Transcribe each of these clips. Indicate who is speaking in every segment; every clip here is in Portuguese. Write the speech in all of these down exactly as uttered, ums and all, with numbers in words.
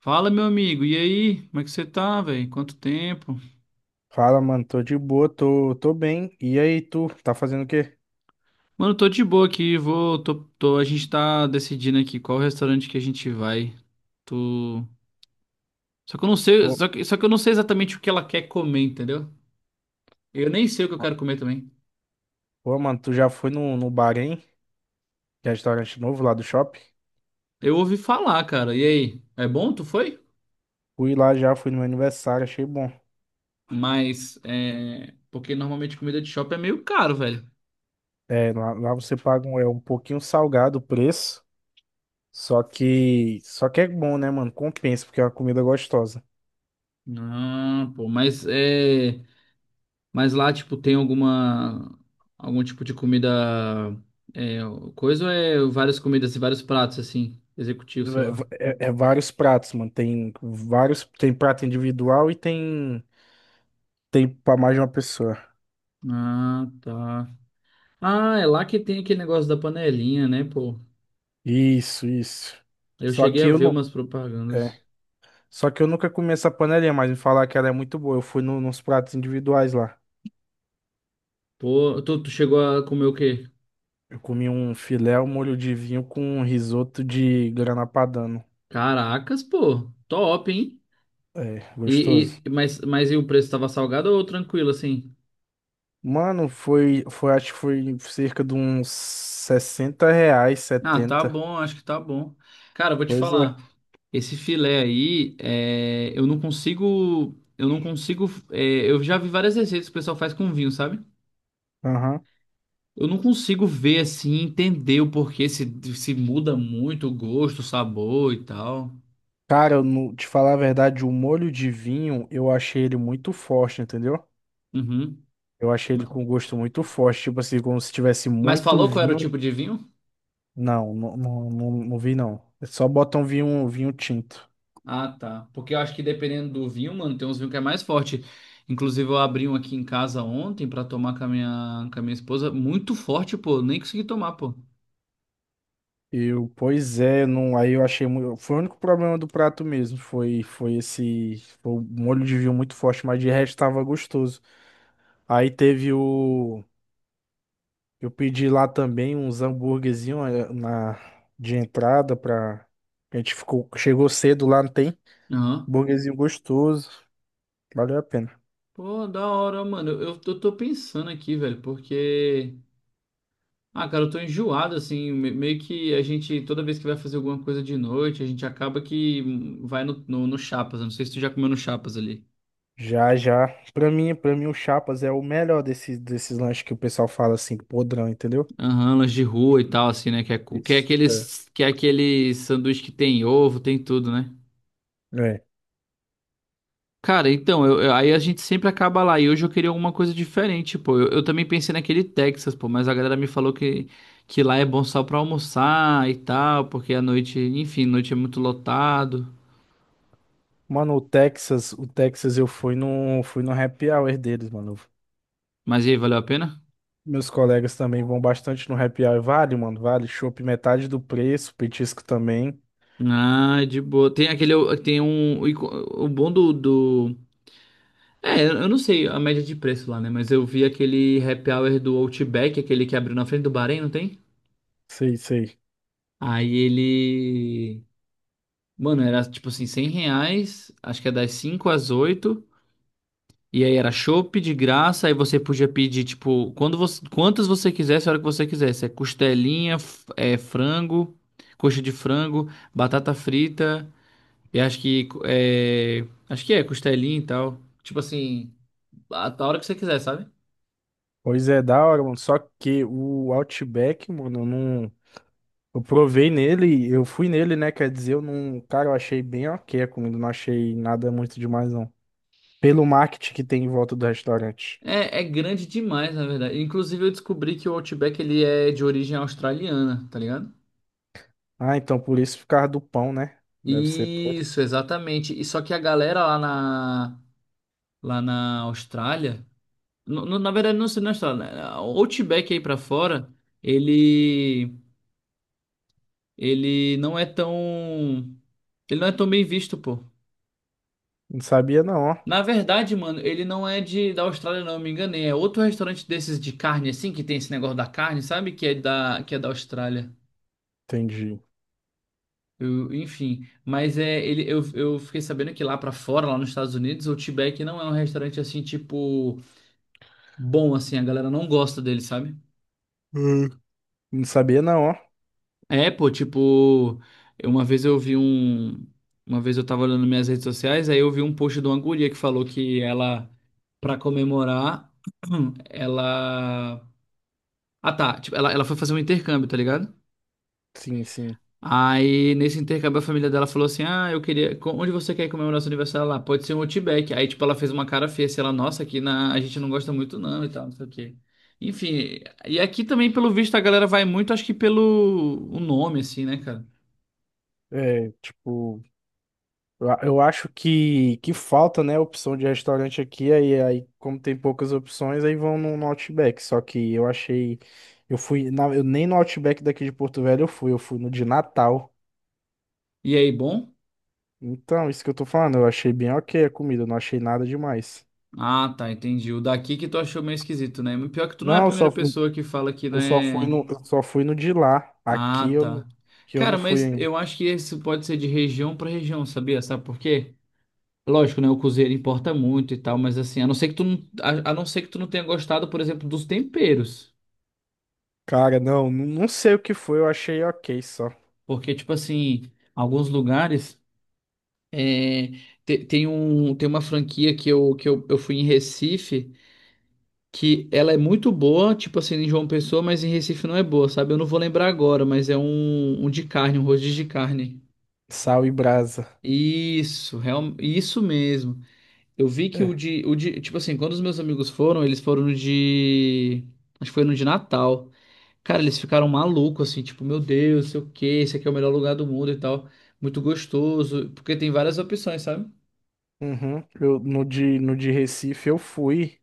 Speaker 1: Fala, meu amigo, e aí? Como é que você tá, velho? Quanto tempo?
Speaker 2: Fala, mano, tô de boa, tô, tô bem. E aí, tu, tá fazendo o quê?
Speaker 1: Mano, tô de boa aqui, vou, tô, tô- a gente tá decidindo aqui qual restaurante que a gente vai. Tô. Só que eu não sei,
Speaker 2: Ô,
Speaker 1: só que, só que eu não sei exatamente o que ela quer comer, entendeu? Eu nem sei o que eu
Speaker 2: ma-
Speaker 1: quero comer também.
Speaker 2: ô, mano, tu já foi no, no bar, hein? Que é restaurante novo lá do shopping?
Speaker 1: Eu ouvi falar, cara, e aí? É bom? Tu foi?
Speaker 2: Fui lá já, fui no meu aniversário, achei bom.
Speaker 1: Mas, é... Porque normalmente comida de shopping é meio caro, velho.
Speaker 2: É, lá, lá você paga um, é, um pouquinho salgado o preço, só que, só que é bom, né, mano? Compensa, porque é uma comida gostosa.
Speaker 1: Ah, pô, mas é... Mas lá, tipo, tem alguma algum tipo de comida é, coisa ou é várias comidas e vários pratos assim, executivo, sei lá.
Speaker 2: É, é- é vários pratos, mano, tem vários, tem prato individual e tem, tem pra mais de uma pessoa.
Speaker 1: Ah, tá. Ah, é lá que tem aquele negócio da panelinha, né, pô?
Speaker 2: Isso, isso.
Speaker 1: Eu
Speaker 2: Só
Speaker 1: cheguei
Speaker 2: que
Speaker 1: a
Speaker 2: eu
Speaker 1: ver
Speaker 2: não...
Speaker 1: umas propagandas.
Speaker 2: é. Só que eu nunca comi essa panelinha, mas me falar que ela é muito boa. Eu fui no- nos pratos individuais lá.
Speaker 1: Pô, tu, tu chegou a comer o quê?
Speaker 2: Eu comi um filé ao molho de vinho com um risoto de grana padano.
Speaker 1: Caracas, pô. Top, hein?
Speaker 2: É, gostoso.
Speaker 1: E, e mas mas e o preço tava salgado ou tranquilo assim?
Speaker 2: Mano, foi, foi, acho que foi cerca de uns sessenta reais,
Speaker 1: Ah, tá
Speaker 2: setenta.
Speaker 1: bom, acho que tá bom. Cara, eu vou te
Speaker 2: Pois
Speaker 1: falar.
Speaker 2: é.
Speaker 1: Esse filé aí, é, eu não consigo, eu não consigo, é, eu já vi várias receitas que o pessoal faz com vinho, sabe?
Speaker 2: Aham.
Speaker 1: Eu não consigo ver assim, entender o porquê se, se muda muito o gosto, o sabor e tal.
Speaker 2: Cara, eu, não- te falar a verdade, o molho de vinho, eu achei ele muito forte, entendeu?
Speaker 1: Uhum.
Speaker 2: Eu achei ele com gosto muito forte, tipo assim, como se tivesse
Speaker 1: Mas
Speaker 2: muito
Speaker 1: falou qual era o
Speaker 2: vinho.
Speaker 1: tipo de vinho?
Speaker 2: Não, não, não, não, não vi não. É, só botam vinho, vinho tinto.
Speaker 1: Ah, tá. Porque eu acho que dependendo do vinho, mano, tem uns vinhos que é mais forte. Inclusive, eu abri um aqui em casa ontem pra tomar com a minha, com a minha esposa. Muito forte, pô. Eu nem consegui tomar, pô.
Speaker 2: Eu, pois é, não, aí eu achei muito, foi o único problema do prato mesmo, foi foi esse foi o molho de vinho muito forte, mas de resto tava gostoso. Aí teve o eu pedi lá também uns hambúrguerzinho eh, na de entrada pra a gente ficou chegou cedo lá, não tem?
Speaker 1: Aham.
Speaker 2: Hambúrguerzinho gostoso, valeu a pena.
Speaker 1: Pô, da hora, mano. Eu, eu tô tô pensando aqui, velho, porque. Ah, cara, eu tô enjoado, assim. me- Meio que a gente, toda vez que vai fazer alguma coisa de noite, a gente acaba que hum, vai no, no, no Chapas. Eu não sei se tu já comeu no Chapas ali.
Speaker 2: Já, já. Pra mim, para mim o chapas é o melhor desses desses lanches que o pessoal fala assim, podrão, entendeu?
Speaker 1: Aham, lanche de rua e tal, assim, né? Que é, cu- que é
Speaker 2: Isso.
Speaker 1: aqueles, que é aquele sanduíche que tem ovo, tem tudo, né?
Speaker 2: É. É.
Speaker 1: Cara, então, eu- eu- aí a gente sempre acaba lá. E hoje eu queria alguma coisa diferente, pô. Eu, eu também pensei naquele Texas, pô, mas a galera me falou que, que lá é bom só pra almoçar e tal, porque a noite, enfim, noite é muito lotado.
Speaker 2: Mano, o Texas, o Texas eu fui no, fui no happy hour deles, mano.
Speaker 1: Mas e aí, valeu a pena?
Speaker 2: Meus colegas também vão bastante no happy hour. Vale, mano, vale. Chopp metade do preço, petisco também.
Speaker 1: Ah, de boa. Tem aquele, tem um, o ico- o bom do, do... É, eu não sei a média de preço lá, né? Mas eu vi aquele happy hour do Outback, aquele que abriu na frente do Bahrein, não tem?
Speaker 2: Sei, sei.
Speaker 1: Aí ele. Mano, era tipo assim, cem reais, acho que é das cinco às oito. E aí era chopp de graça, aí você podia pedir, tipo, quando você, quantas você quisesse, a hora que você quisesse. É costelinha, f- é frango, coxa de frango, batata frita, e acho que é, acho que é, costelinha e tal. Tipo assim, a, a hora que você quiser, sabe?
Speaker 2: Pois é, da hora, mano. Só que o Outback, mano, eu não. Eu provei nele, eu fui nele, né? Quer dizer, eu não. Cara, eu achei bem ok a comida, não achei nada muito demais, não. Pelo marketing que tem em volta do restaurante.
Speaker 1: É, é grande demais, na verdade. Inclusive eu descobri que o Outback ele é de origem australiana, tá ligado?
Speaker 2: Ah, então por isso, por causa do pão, né? Deve ser. Por isso.
Speaker 1: Isso, exatamente. E só que a galera lá na lá na Austrália. No- no- na verdade, não, se- não está, né? O Outback aí pra fora, ele. Ele não é tão. Ele não é tão bem visto, pô.
Speaker 2: Não sabia, não, ó.
Speaker 1: Na verdade, mano, ele não é de da Austrália, não, eu me enganei. É outro restaurante desses de carne, assim, que tem esse negócio da carne, sabe? Que é da, que é da Austrália.
Speaker 2: Entendi.
Speaker 1: Eu- enfim, mas é ele eu, eu fiquei sabendo que lá pra fora, lá nos Estados Unidos, o Outback não é um restaurante assim, tipo, bom assim, a galera não gosta dele, sabe?
Speaker 2: Hum. Não sabia não, ó.
Speaker 1: É, pô, tipo, eu- uma vez eu vi um. Uma vez eu tava olhando minhas redes sociais, aí eu vi um post de uma guria que falou que ela, pra comemorar, ela. Ah, tá. Tipo, ela, ela foi fazer um intercâmbio, tá ligado?
Speaker 2: Sim, sim.
Speaker 1: Aí, nesse intercâmbio, a família dela falou assim: "Ah, eu queria. co- Onde você quer comemorar seu aniversário lá? Pode ser um Outback." Aí, tipo, ela fez uma cara feia, assim, ela, nossa, aqui na, a gente não gosta muito, não, e tal, não sei o quê. Enfim, e aqui também, pelo visto, a galera vai muito, acho que pelo o nome, assim, né, cara?
Speaker 2: É, tipo, eu a- eu acho que, que falta, né, opção de restaurante aqui, aí, aí como tem poucas opções, aí vão no, no Outback. Só que eu achei, eu fui, na- eu nem no Outback daqui de Porto Velho eu fui, eu fui no de Natal.
Speaker 1: E aí, bom?
Speaker 2: Então, isso que eu tô falando, eu achei bem ok a comida, eu não achei nada demais.
Speaker 1: Ah, tá, entendi. O daqui que tu achou meio esquisito, né? Pior que tu não é a
Speaker 2: Não, eu
Speaker 1: primeira
Speaker 2: só, fui-
Speaker 1: pessoa que fala que não
Speaker 2: eu só fui
Speaker 1: é.
Speaker 2: no, eu só fui no de lá. Aqui
Speaker 1: Ah,
Speaker 2: eu, não-
Speaker 1: tá.
Speaker 2: que eu não
Speaker 1: Cara,
Speaker 2: fui
Speaker 1: mas
Speaker 2: ainda.
Speaker 1: eu acho que isso pode ser de região pra região, sabia? Sabe por quê? Lógico, né? O cozinheiro importa muito e tal, mas assim, a não ser que tu não, a, a não ser que tu não tenha gostado, por exemplo, dos temperos.
Speaker 2: Cara, não, não não sei o que foi, eu achei ok só.
Speaker 1: Porque, tipo assim, alguns lugares é, te- tem um, tem uma franquia que eu, que eu, eu fui em Recife, que ela é muito boa, tipo assim, em João Pessoa, mas em Recife não é boa, sabe? Eu não vou lembrar agora, mas é um, um de carne, um rodízio de carne.
Speaker 2: Sal e brasa.
Speaker 1: Isso, real, isso mesmo. Eu vi que o
Speaker 2: É.
Speaker 1: de, o de, tipo assim, quando os meus amigos foram, eles foram no de, acho que foi no de Natal. Cara, eles ficaram malucos, assim, tipo, meu Deus, sei o quê, esse aqui é o melhor lugar do mundo e tal. Muito gostoso, porque tem várias opções, sabe?
Speaker 2: Uhum. Eu, no de, no de Recife eu fui.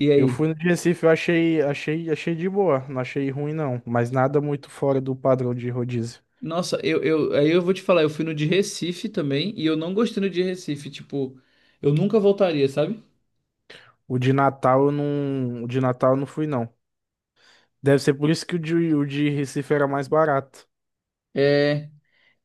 Speaker 1: E
Speaker 2: Eu fui
Speaker 1: aí?
Speaker 2: no de Recife, eu achei, achei, achei de boa. Não achei ruim, não. Mas nada muito fora do padrão de rodízio.
Speaker 1: Nossa, eu, eu, aí eu vou te falar, eu fui no de Recife também e eu não gostei no de Recife, tipo, eu nunca voltaria, sabe?
Speaker 2: O de Natal eu não. O de Natal eu não fui, não. Deve ser por isso que o de, o de Recife era mais barato.
Speaker 1: É,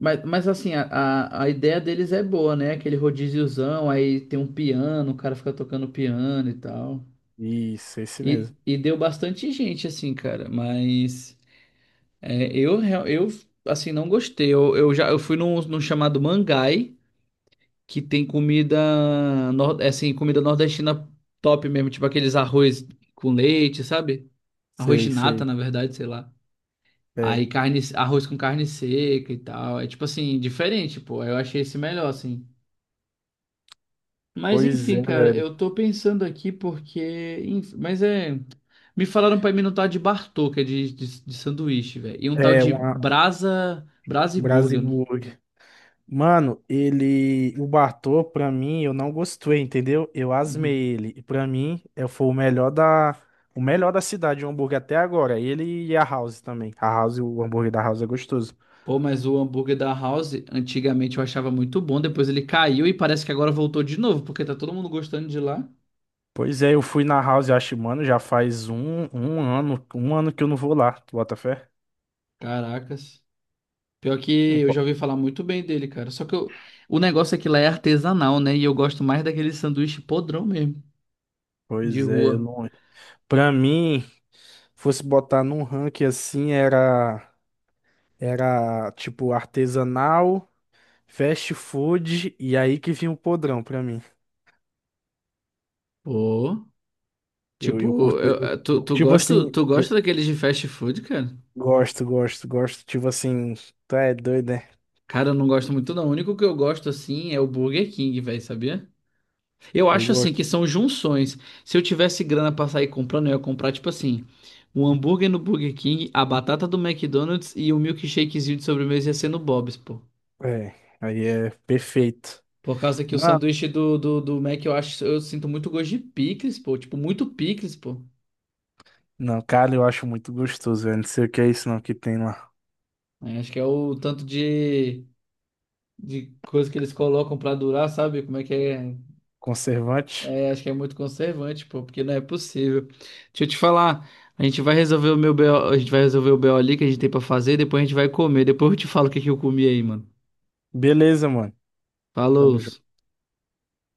Speaker 1: mas, mas assim, a, a, a ideia deles é boa, né? Aquele rodíziozão, aí tem um piano, o cara fica tocando piano e tal.
Speaker 2: Isso, esse
Speaker 1: E,
Speaker 2: mesmo.
Speaker 1: e deu bastante gente, assim, cara, mas é, eu, real- eu, assim, não gostei. Eu, eu já eu fui num, num chamado Mangai, que tem comida, nor- assim, comida nordestina top mesmo, tipo aqueles arroz com leite, sabe? Arroz de
Speaker 2: Sei,
Speaker 1: nata,
Speaker 2: sei.
Speaker 1: na verdade, sei lá.
Speaker 2: É.
Speaker 1: Aí carne, arroz com carne seca e tal. É tipo assim, diferente, pô. Eu achei esse melhor, assim. Mas
Speaker 2: Pois
Speaker 1: enfim,
Speaker 2: é,
Speaker 1: cara,
Speaker 2: velho.
Speaker 1: eu tô pensando aqui porque. enf- Mas é. Me falaram pra mim um tal de Bartô, que é de, de, de sanduíche, velho. E um tal
Speaker 2: É,
Speaker 1: de
Speaker 2: uma
Speaker 1: Brasa. Brasa e Burger. né?
Speaker 2: Brasiburger. Mano, ele. O Bartô, pra mim, eu não gostei, entendeu? Eu
Speaker 1: Uhum.
Speaker 2: asmei ele. E pra mim, é- foi o melhor da. O melhor da cidade, o hambúrguer até agora. Ele e a House também. A House, o hambúrguer da House é gostoso.
Speaker 1: Pô, mas o hambúrguer da House, antigamente eu achava muito bom. Depois ele caiu e parece que agora voltou de novo, porque tá todo mundo gostando de lá.
Speaker 2: Pois é, eu fui na House, eu acho, mano, já faz um, um ano, um ano que eu não vou lá. Tu bota fé?
Speaker 1: Caracas. Pior que
Speaker 2: Não
Speaker 1: eu já
Speaker 2: po-
Speaker 1: ouvi falar muito bem dele, cara. Só que eu- o negócio é que lá é artesanal, né? E eu gosto mais daquele sanduíche podrão mesmo, de
Speaker 2: Pois é, eu
Speaker 1: rua.
Speaker 2: não. Pra mim, fosse botar num ranking assim, era. Era tipo artesanal, fast food, e aí que vinha o podrão pra mim.
Speaker 1: Pô,
Speaker 2: Eu, eu
Speaker 1: tipo,
Speaker 2: curto,
Speaker 1: eu-
Speaker 2: eu,
Speaker 1: eh, tu,
Speaker 2: eu,
Speaker 1: tu
Speaker 2: tipo
Speaker 1: gosta,
Speaker 2: assim,
Speaker 1: tu gosta
Speaker 2: eu
Speaker 1: daqueles de fast food, cara?
Speaker 2: gosto, gosto, gosto, tipo assim, tá, é doido, né?
Speaker 1: Cara, eu não gosto muito não. O único que eu gosto, assim, é o Burger King, velho, sabia? Eu
Speaker 2: Eu
Speaker 1: acho, assim, que
Speaker 2: gosto.
Speaker 1: são junções. Se eu tivesse grana pra sair comprando, eu ia comprar, tipo assim, um hambúrguer no Burger King, a batata do McDonald's e o milkshakezinho de sobremesa ia ser no Bob's, pô.
Speaker 2: É, aí é perfeito.
Speaker 1: Por causa que o
Speaker 2: Mano,
Speaker 1: sanduíche do, do, do Mac eu acho, eu sinto muito gosto de picles, pô. Tipo, muito picles, pô.
Speaker 2: não, cara, eu acho muito gostoso, velho. Não sei o que é isso não que tem lá.
Speaker 1: É, acho que é o tanto de, de coisa que eles colocam pra durar, sabe? Como é que é?
Speaker 2: Conservante.
Speaker 1: É, acho que é muito conservante, pô, porque não é possível. Deixa eu te falar, a gente vai resolver o meu B O, a gente vai resolver o B O ali que a gente tem pra fazer, depois a gente vai comer. Depois eu te falo o que que eu comi aí, mano.
Speaker 2: Beleza, mano. Tamo
Speaker 1: Falou!